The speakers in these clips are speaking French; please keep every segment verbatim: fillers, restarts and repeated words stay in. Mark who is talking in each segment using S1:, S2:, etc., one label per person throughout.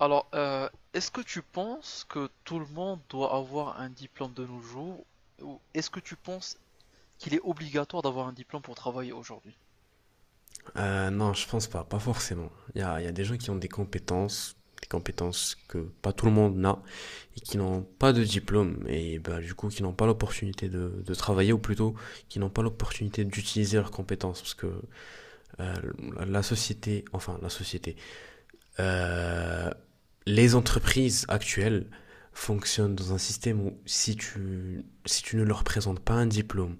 S1: Alors, euh, est-ce que tu penses que tout le monde doit avoir un diplôme de nos jours, ou est-ce que tu penses qu'il est obligatoire d'avoir un diplôme pour travailler aujourd'hui?
S2: Euh, non, je pense pas, pas forcément. Il y a, il y a des gens qui ont des compétences, des compétences que pas tout le monde n'a, et qui n'ont pas de diplôme, et bah, du coup qui n'ont pas l'opportunité de, de travailler, ou plutôt qui n'ont pas l'opportunité d'utiliser leurs compétences, parce que euh, la- société, enfin la société, euh, les entreprises actuelles fonctionnent dans un système où si tu, si tu ne leur présentes pas un diplôme,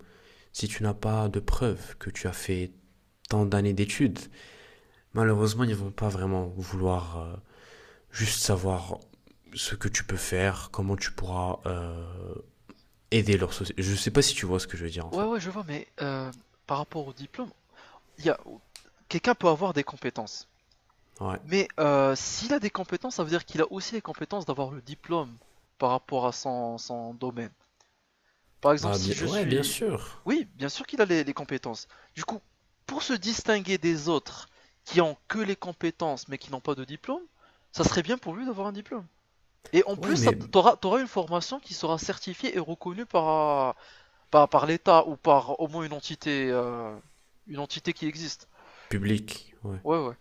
S2: si tu n'as pas de preuve que tu as fait tant d'années d'études, malheureusement, ils ne vont pas vraiment vouloir euh, juste savoir ce que tu peux faire, comment tu pourras euh, aider leur société. Je sais pas si tu vois ce que je veux dire en
S1: Ouais,
S2: fait.
S1: ouais, je vois, mais euh, par rapport au diplôme, il y a quelqu'un peut avoir des compétences,
S2: Ouais.
S1: mais euh, s'il a des compétences, ça veut dire qu'il a aussi les compétences d'avoir le diplôme par rapport à son, son domaine. Par exemple,
S2: Bah
S1: si
S2: bien,
S1: je
S2: ouais, bien
S1: suis...
S2: sûr.
S1: Oui, bien sûr qu'il a les, les compétences. Du coup, pour se distinguer des autres qui ont que les compétences mais qui n'ont pas de diplôme, ça serait bien pour lui d'avoir un diplôme. Et en
S2: Ouais,
S1: plus,
S2: mais
S1: tu auras t'auras une formation qui sera certifiée et reconnue par, par, par l'État ou par au moins une entité, euh, une entité qui existe.
S2: public. Ouais.
S1: Ouais, ouais.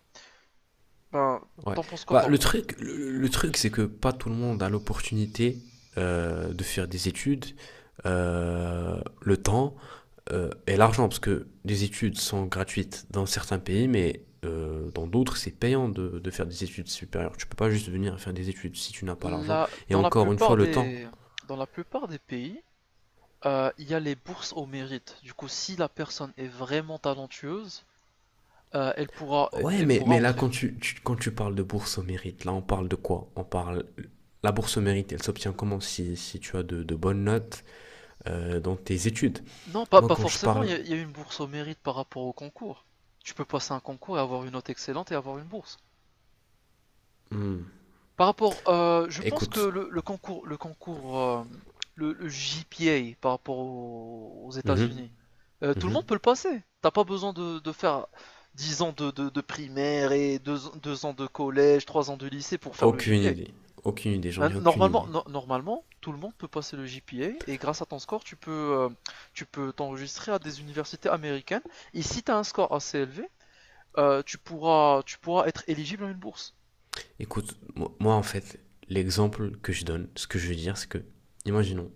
S1: Ben,
S2: Ouais.
S1: t'en penses quoi
S2: Bah
S1: par
S2: le
S1: rapport à ça.
S2: truc, le, le truc, c'est que pas tout le monde a l'opportunité euh, de faire des études, euh, le temps euh, et l'argent, parce que les études sont gratuites dans certains pays, mais euh, dans d'autres, c'est payant de, de faire des études supérieures. Tu peux pas juste venir faire des études si tu n'as pas l'argent.
S1: La-
S2: Et
S1: dans la
S2: encore une fois,
S1: plupart
S2: le temps.
S1: des, dans la plupart des pays, euh, il y a les bourses au mérite. Du coup, si la personne est vraiment talentueuse, Euh, elle pourra,
S2: Ouais,
S1: elle
S2: mais,
S1: pourra
S2: mais là,
S1: entrer.
S2: quand tu, tu- quand tu parles de bourse au mérite, là, on parle de quoi? On parle. La bourse au mérite, elle s'obtient comment si, si tu as de, de bonnes notes euh, dans tes études?
S1: Non, pas,
S2: Moi,
S1: pas
S2: quand je
S1: forcément. Il
S2: parle.
S1: y, a- y a une bourse au mérite par rapport au concours. Tu peux passer un concours et avoir une note excellente et avoir une bourse.
S2: Hmm,
S1: Par rapport, euh, je pense que
S2: écoute.
S1: le, le concours, le concours, euh, le, le G P A par rapport aux, aux
S2: Mhm,
S1: États-Unis, euh, tout le monde peut
S2: mhm.
S1: le passer. T'as pas besoin de, de faire dix ans de, de- de primaire et deux deux ans de collège, trois ans de lycée pour faire le
S2: Aucune
S1: G P A.
S2: idée. Aucune idée, j'en
S1: Ben,
S2: ai aucune
S1: normalement,
S2: idée.
S1: no- normalement, tout le monde peut passer le G P A et grâce à ton score, tu peux, euh, tu peux t'enregistrer à des universités américaines. Et si tu as un score assez élevé, euh, tu pourras, tu pourras être éligible à une bourse.
S2: Écoute, moi en fait, l'exemple que je donne, ce que je veux dire, c'est que, imaginons,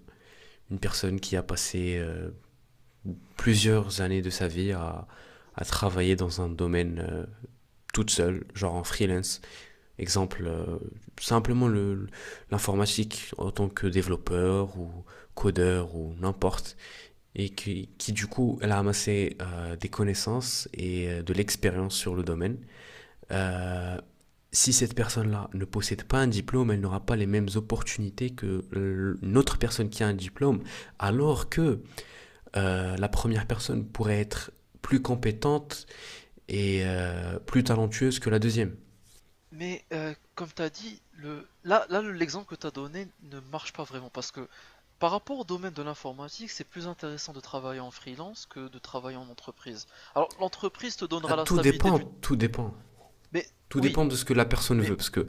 S2: une personne qui a passé euh, plusieurs années de sa vie à, à travailler dans un domaine euh, toute seule, genre en freelance. Exemple, euh, simplement le- l'informatique en tant que développeur ou codeur ou n'importe. Et qui, qui, du coup, elle a amassé euh, des connaissances et euh, de l'expérience sur le domaine. Euh, Si cette personne-là ne possède pas un diplôme, elle n'aura pas les mêmes opportunités que l'autre personne qui a un diplôme, alors que euh, la première personne pourrait être plus compétente et euh, plus talentueuse que la deuxième.
S1: Mais euh, comme tu as dit, le, là, là, le- l'exemple que tu as donné ne marche pas vraiment parce que par rapport au domaine de l'informatique, c'est plus intéressant de travailler en freelance que de travailler en entreprise. Alors, l'entreprise te
S2: Ah,
S1: donnera la
S2: tout
S1: stabilité
S2: dépend,
S1: du...
S2: tout dépend.
S1: Mais
S2: Tout
S1: oui,
S2: dépend de ce que la personne
S1: mais
S2: veut, parce que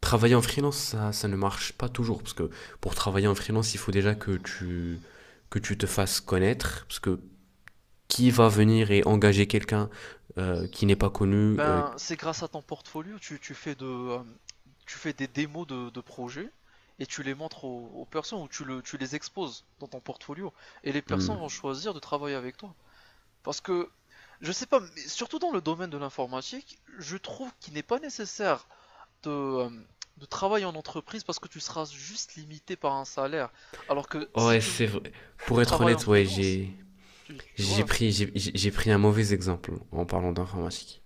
S2: travailler en freelance, ça, ça ne marche pas toujours, parce que pour travailler en freelance, il faut déjà que tu, que tu te fasses connaître, parce que qui va venir et engager quelqu'un euh, qui n'est pas connu, euh,
S1: ben, c'est grâce à ton portfolio, tu, tu fais de, euh, tu fais des démos de, de projets et tu les montres aux, aux personnes ou tu, le, tu les exposes dans ton portfolio et les personnes
S2: hmm.
S1: vont choisir de travailler avec toi. Parce que, je sais pas, mais surtout dans le domaine de l'informatique, je trouve qu'il n'est pas nécessaire de, euh, de travailler en entreprise parce que tu seras juste limité par un salaire. Alors que si
S2: Ouais,
S1: tu,
S2: c'est vrai. Pour
S1: tu
S2: être
S1: travailles en
S2: honnête, ouais,
S1: freelance,
S2: j'ai
S1: tu, tu
S2: j'ai
S1: vois.
S2: pris j'ai j'ai- j'ai pris un mauvais exemple en parlant d'informatique.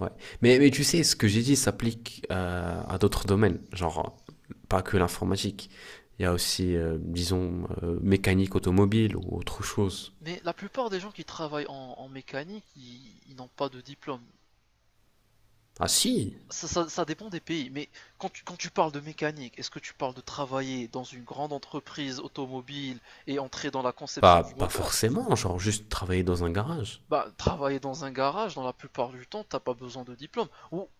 S2: Ouais. Mais mais tu sais, ce que j'ai dit s'applique euh, à d'autres domaines, genre euh, pas que l'informatique. Il y a aussi euh, disons euh, mécanique automobile ou autre chose.
S1: Mais la plupart des gens qui travaillent en, en mécanique, ils, ils n'ont pas de diplôme.
S2: Ah si,
S1: Ça, ça- ça dépend des pays, mais quand tu, quand tu parles de mécanique, est-ce que tu parles de travailler dans une grande entreprise automobile et entrer dans la conception
S2: pas
S1: du
S2: pas
S1: moteur?
S2: forcément, genre juste travailler dans un garage.
S1: Bah, travailler dans un garage, dans la plupart du temps, t'as pas besoin de diplôme. Ou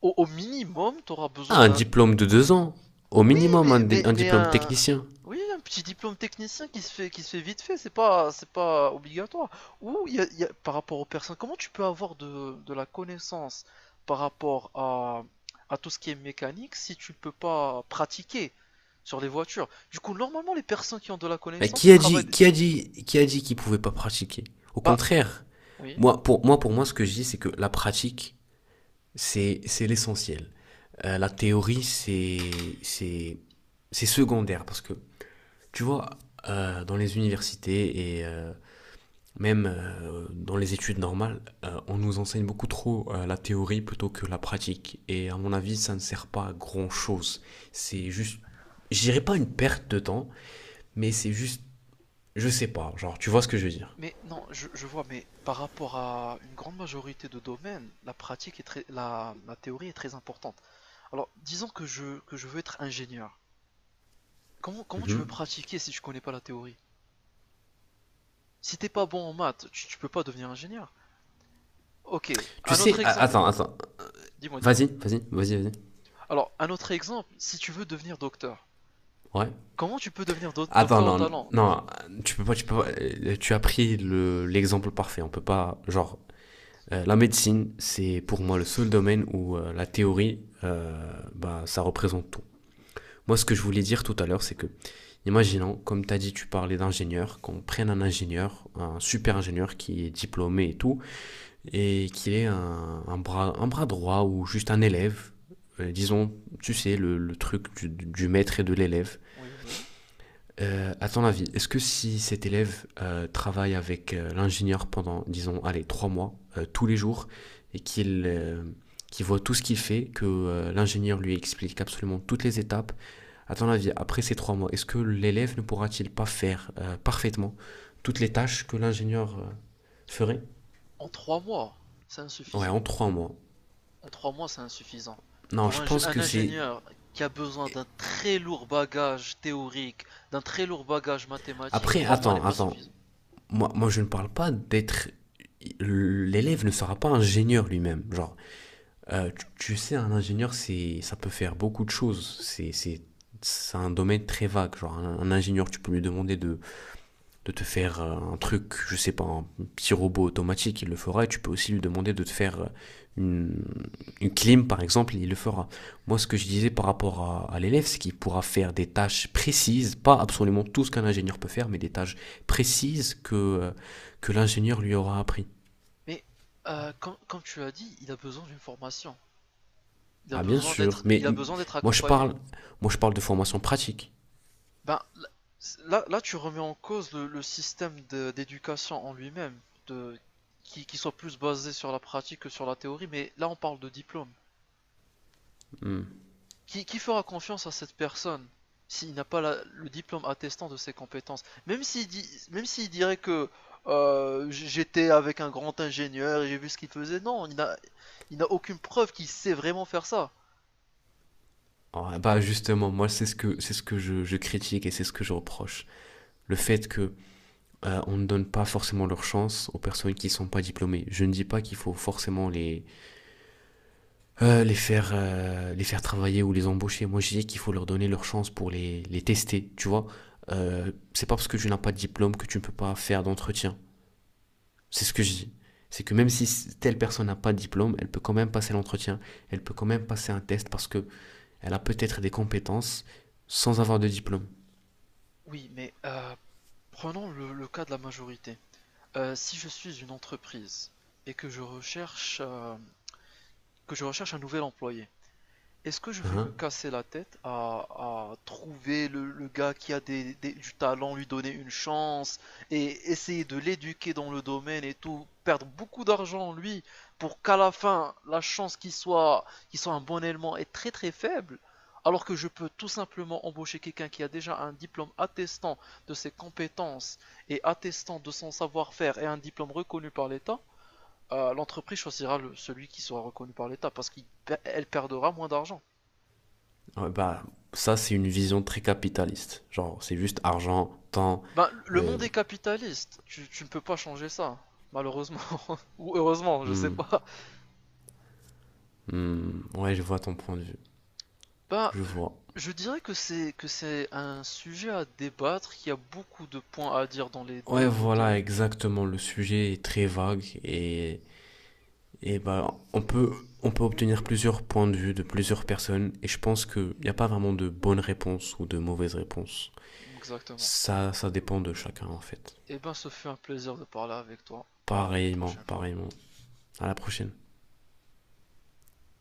S1: au, au minimum, tu auras besoin
S2: Ah, un
S1: d'un.
S2: diplôme de deux ans, au
S1: Oui,
S2: minimum un,
S1: mais,
S2: di-
S1: mais,
S2: un
S1: mais
S2: diplôme
S1: un,
S2: technicien.
S1: oui, un petit diplôme technicien qui se fait, qui se fait vite fait, c'est pas, c'est pas obligatoire. Ou il y a- il y a- Par rapport aux personnes, comment tu peux avoir de, de la connaissance par rapport à, à tout ce qui est mécanique si tu ne peux pas pratiquer sur les voitures? Du coup, normalement, les personnes qui ont de la
S2: Mais
S1: connaissance,
S2: qui
S1: ils
S2: a
S1: travaillent.
S2: dit, qui a dit, qui a dit qu'il pouvait pas pratiquer? Au
S1: Bah,
S2: contraire,
S1: oui,
S2: moi, pour moi, pour moi, ce que je dis, c'est que la pratique, c'est, c'est l'essentiel. Euh, la théorie, c'est, c'est, c'est secondaire parce que tu vois, euh, dans les universités et euh, même euh, dans les études normales, euh, on nous enseigne beaucoup trop euh, la théorie plutôt que la pratique. Et à mon avis, ça ne sert pas à grand chose. C'est juste, je dirais pas une perte de temps, mais c'est juste je sais pas, genre, tu vois ce que je veux dire.
S1: mais non, je, je vois, mais par rapport à une grande majorité de domaines, la pratique est très, la, la théorie est très importante. Alors, disons que je, que je veux être ingénieur. Comment, comment tu veux
S2: Mhm.
S1: pratiquer si tu connais pas la théorie? Si t'es pas bon en maths, tu, tu peux pas devenir ingénieur. Ok,
S2: Tu
S1: un autre
S2: sais, a-
S1: exemple.
S2: attends, attends.
S1: Dis-moi, dis-moi.
S2: Vas-y, vas-y, vas-y, vas-y.
S1: Alors, un autre exemple, si tu veux devenir docteur,
S2: Ouais.
S1: comment tu peux devenir do-
S2: Attends,
S1: docteur au
S2: non, non,
S1: talent?
S2: non, tu peux pas, tu peux pas. euh, Tu as pris le, l'exemple parfait. On peut pas, genre, euh, la médecine, c'est pour moi le seul domaine où euh, la théorie, euh, bah, ça représente tout. Moi, ce que je voulais dire tout à l'heure, c'est que, imaginons, comme tu as dit, tu parlais d'ingénieur, qu'on prenne un ingénieur, un super ingénieur qui est diplômé et tout, et qu'il ait un, un bras, un bras droit ou juste un élève, euh, disons, tu sais, le, le truc du, du maître et de l'élève.
S1: Oui, oui, oui.
S2: Euh, à ton avis, est-ce que si cet élève euh, travaille avec euh, l'ingénieur pendant, disons, allez, trois mois, euh, tous les jours, et qu'il euh, qu'il voit tout ce qu'il fait, que euh, l'ingénieur lui explique absolument toutes les étapes, à ton avis, après ces trois mois, est-ce que l'élève ne pourra-t-il pas faire euh, parfaitement toutes les tâches que l'ingénieur euh, ferait?
S1: En trois mois, c'est
S2: Ouais,
S1: insuffisant.
S2: en trois mois.
S1: En trois mois, c'est insuffisant.
S2: Non,
S1: Pour
S2: je
S1: un,
S2: pense
S1: un
S2: que c'est...
S1: ingénieur qui a besoin d'un très lourd bagage théorique, d'un très lourd bagage mathématique,
S2: Après,
S1: trois mois n'est
S2: attends,
S1: pas
S2: attends.
S1: suffisant.
S2: Moi, moi, je ne parle pas d'être. L'élève ne sera pas ingénieur lui-même. Genre, euh, tu, tu sais, un ingénieur, c'est, ça peut faire beaucoup de choses. C'est, c'est, c'est un domaine très vague. Genre, un, un ingénieur, tu peux lui demander de de te faire euh, un truc, je sais pas, un petit robot automatique, il le fera. Et tu peux aussi lui demander de te faire euh, une, une clim, par exemple, il le fera. Moi, ce que je disais par rapport à, à l'élève, c'est qu'il pourra faire des tâches précises, pas absolument tout ce qu'un ingénieur peut faire, mais des tâches précises que, euh, que l'ingénieur lui aura appris.
S1: Mais euh, comme, comme tu as dit, il a besoin d'une formation. Il a
S2: Ah, bien
S1: besoin
S2: sûr,
S1: d'être,
S2: mais
S1: il a besoin d'être
S2: moi, je
S1: accompagné.
S2: parle, moi, je parle de formation pratique.
S1: Ben, là, là, tu remets en cause le, le système de- d'éducation en lui-même, de, qui, qui soit plus basé sur la pratique que sur la théorie, mais là, on parle de diplôme.
S2: Hmm.
S1: Qui, qui fera confiance à cette personne s'il n'a pas la- le diplôme attestant de ses compétences? Même s'il dit, même s'il dirait que euh, j- j'étais avec un grand ingénieur et j'ai vu ce qu'il faisait, non, il n'a, il n'a aucune preuve qu'il sait vraiment faire ça.
S2: Ah, bah justement, moi c'est ce que c'est ce que je, je critique et c'est ce que je reproche. Le fait que euh, on ne donne pas forcément leur chance aux personnes qui ne sont pas diplômées. Je ne dis pas qu'il faut forcément les, euh, les, faire, euh, les faire travailler ou les embaucher. Moi, je dis qu'il faut leur donner leur chance pour les, les tester, tu vois. Euh, c'est pas parce que tu n'as pas de diplôme que tu ne peux pas faire d'entretien. C'est ce que je dis. C'est que même si telle personne n'a pas de diplôme, elle peut quand même passer l'entretien, elle peut quand même passer un test parce que elle a peut-être des compétences sans avoir de diplôme.
S1: Oui, mais euh, prenons le, le cas de la majorité. Euh, si je suis une entreprise et que je recherche, euh, que je recherche un nouvel employé, est-ce que je vais
S2: Hein.
S1: me casser la tête à, à trouver le, le gars qui a des- des- du talent, lui donner une chance et essayer de l'éduquer dans le domaine et tout, perdre beaucoup d'argent lui pour qu'à la fin la chance qu'il soit, qu'il soit un bon élément est très très faible, alors que je peux tout simplement embaucher quelqu'un qui a déjà un diplôme attestant de ses compétences et attestant de son savoir-faire et un diplôme reconnu par l'État, euh, l'entreprise choisira le- celui qui sera reconnu par l'État parce qu'elle perdra moins d'argent.
S2: Ouais, bah, ça, c'est une vision très capitaliste. Genre, c'est juste argent, temps.
S1: Ben, le
S2: euh,
S1: monde est capitaliste, tu, tu ne peux pas changer ça, malheureusement. Ou heureusement, je sais
S2: hmm,
S1: pas.
S2: hmm, ouais, je vois ton point de vue.
S1: Ben,
S2: Je vois.
S1: je dirais que c'est que c'est un sujet à débattre, qu'il y a beaucoup de points à dire dans les deux
S2: Ouais, voilà,
S1: côtés.
S2: exactement. Le sujet est très vague et, et bah, on peut, on peut obtenir plusieurs points de vue de plusieurs personnes et je pense qu'il n'y a pas vraiment de bonne réponse ou de mauvaise réponse.
S1: Exactement.
S2: Ça, ça dépend de chacun en fait.
S1: Et ben, ce fut un plaisir de parler avec toi. À une
S2: Pareillement,
S1: prochaine fois.
S2: pareillement. À la prochaine.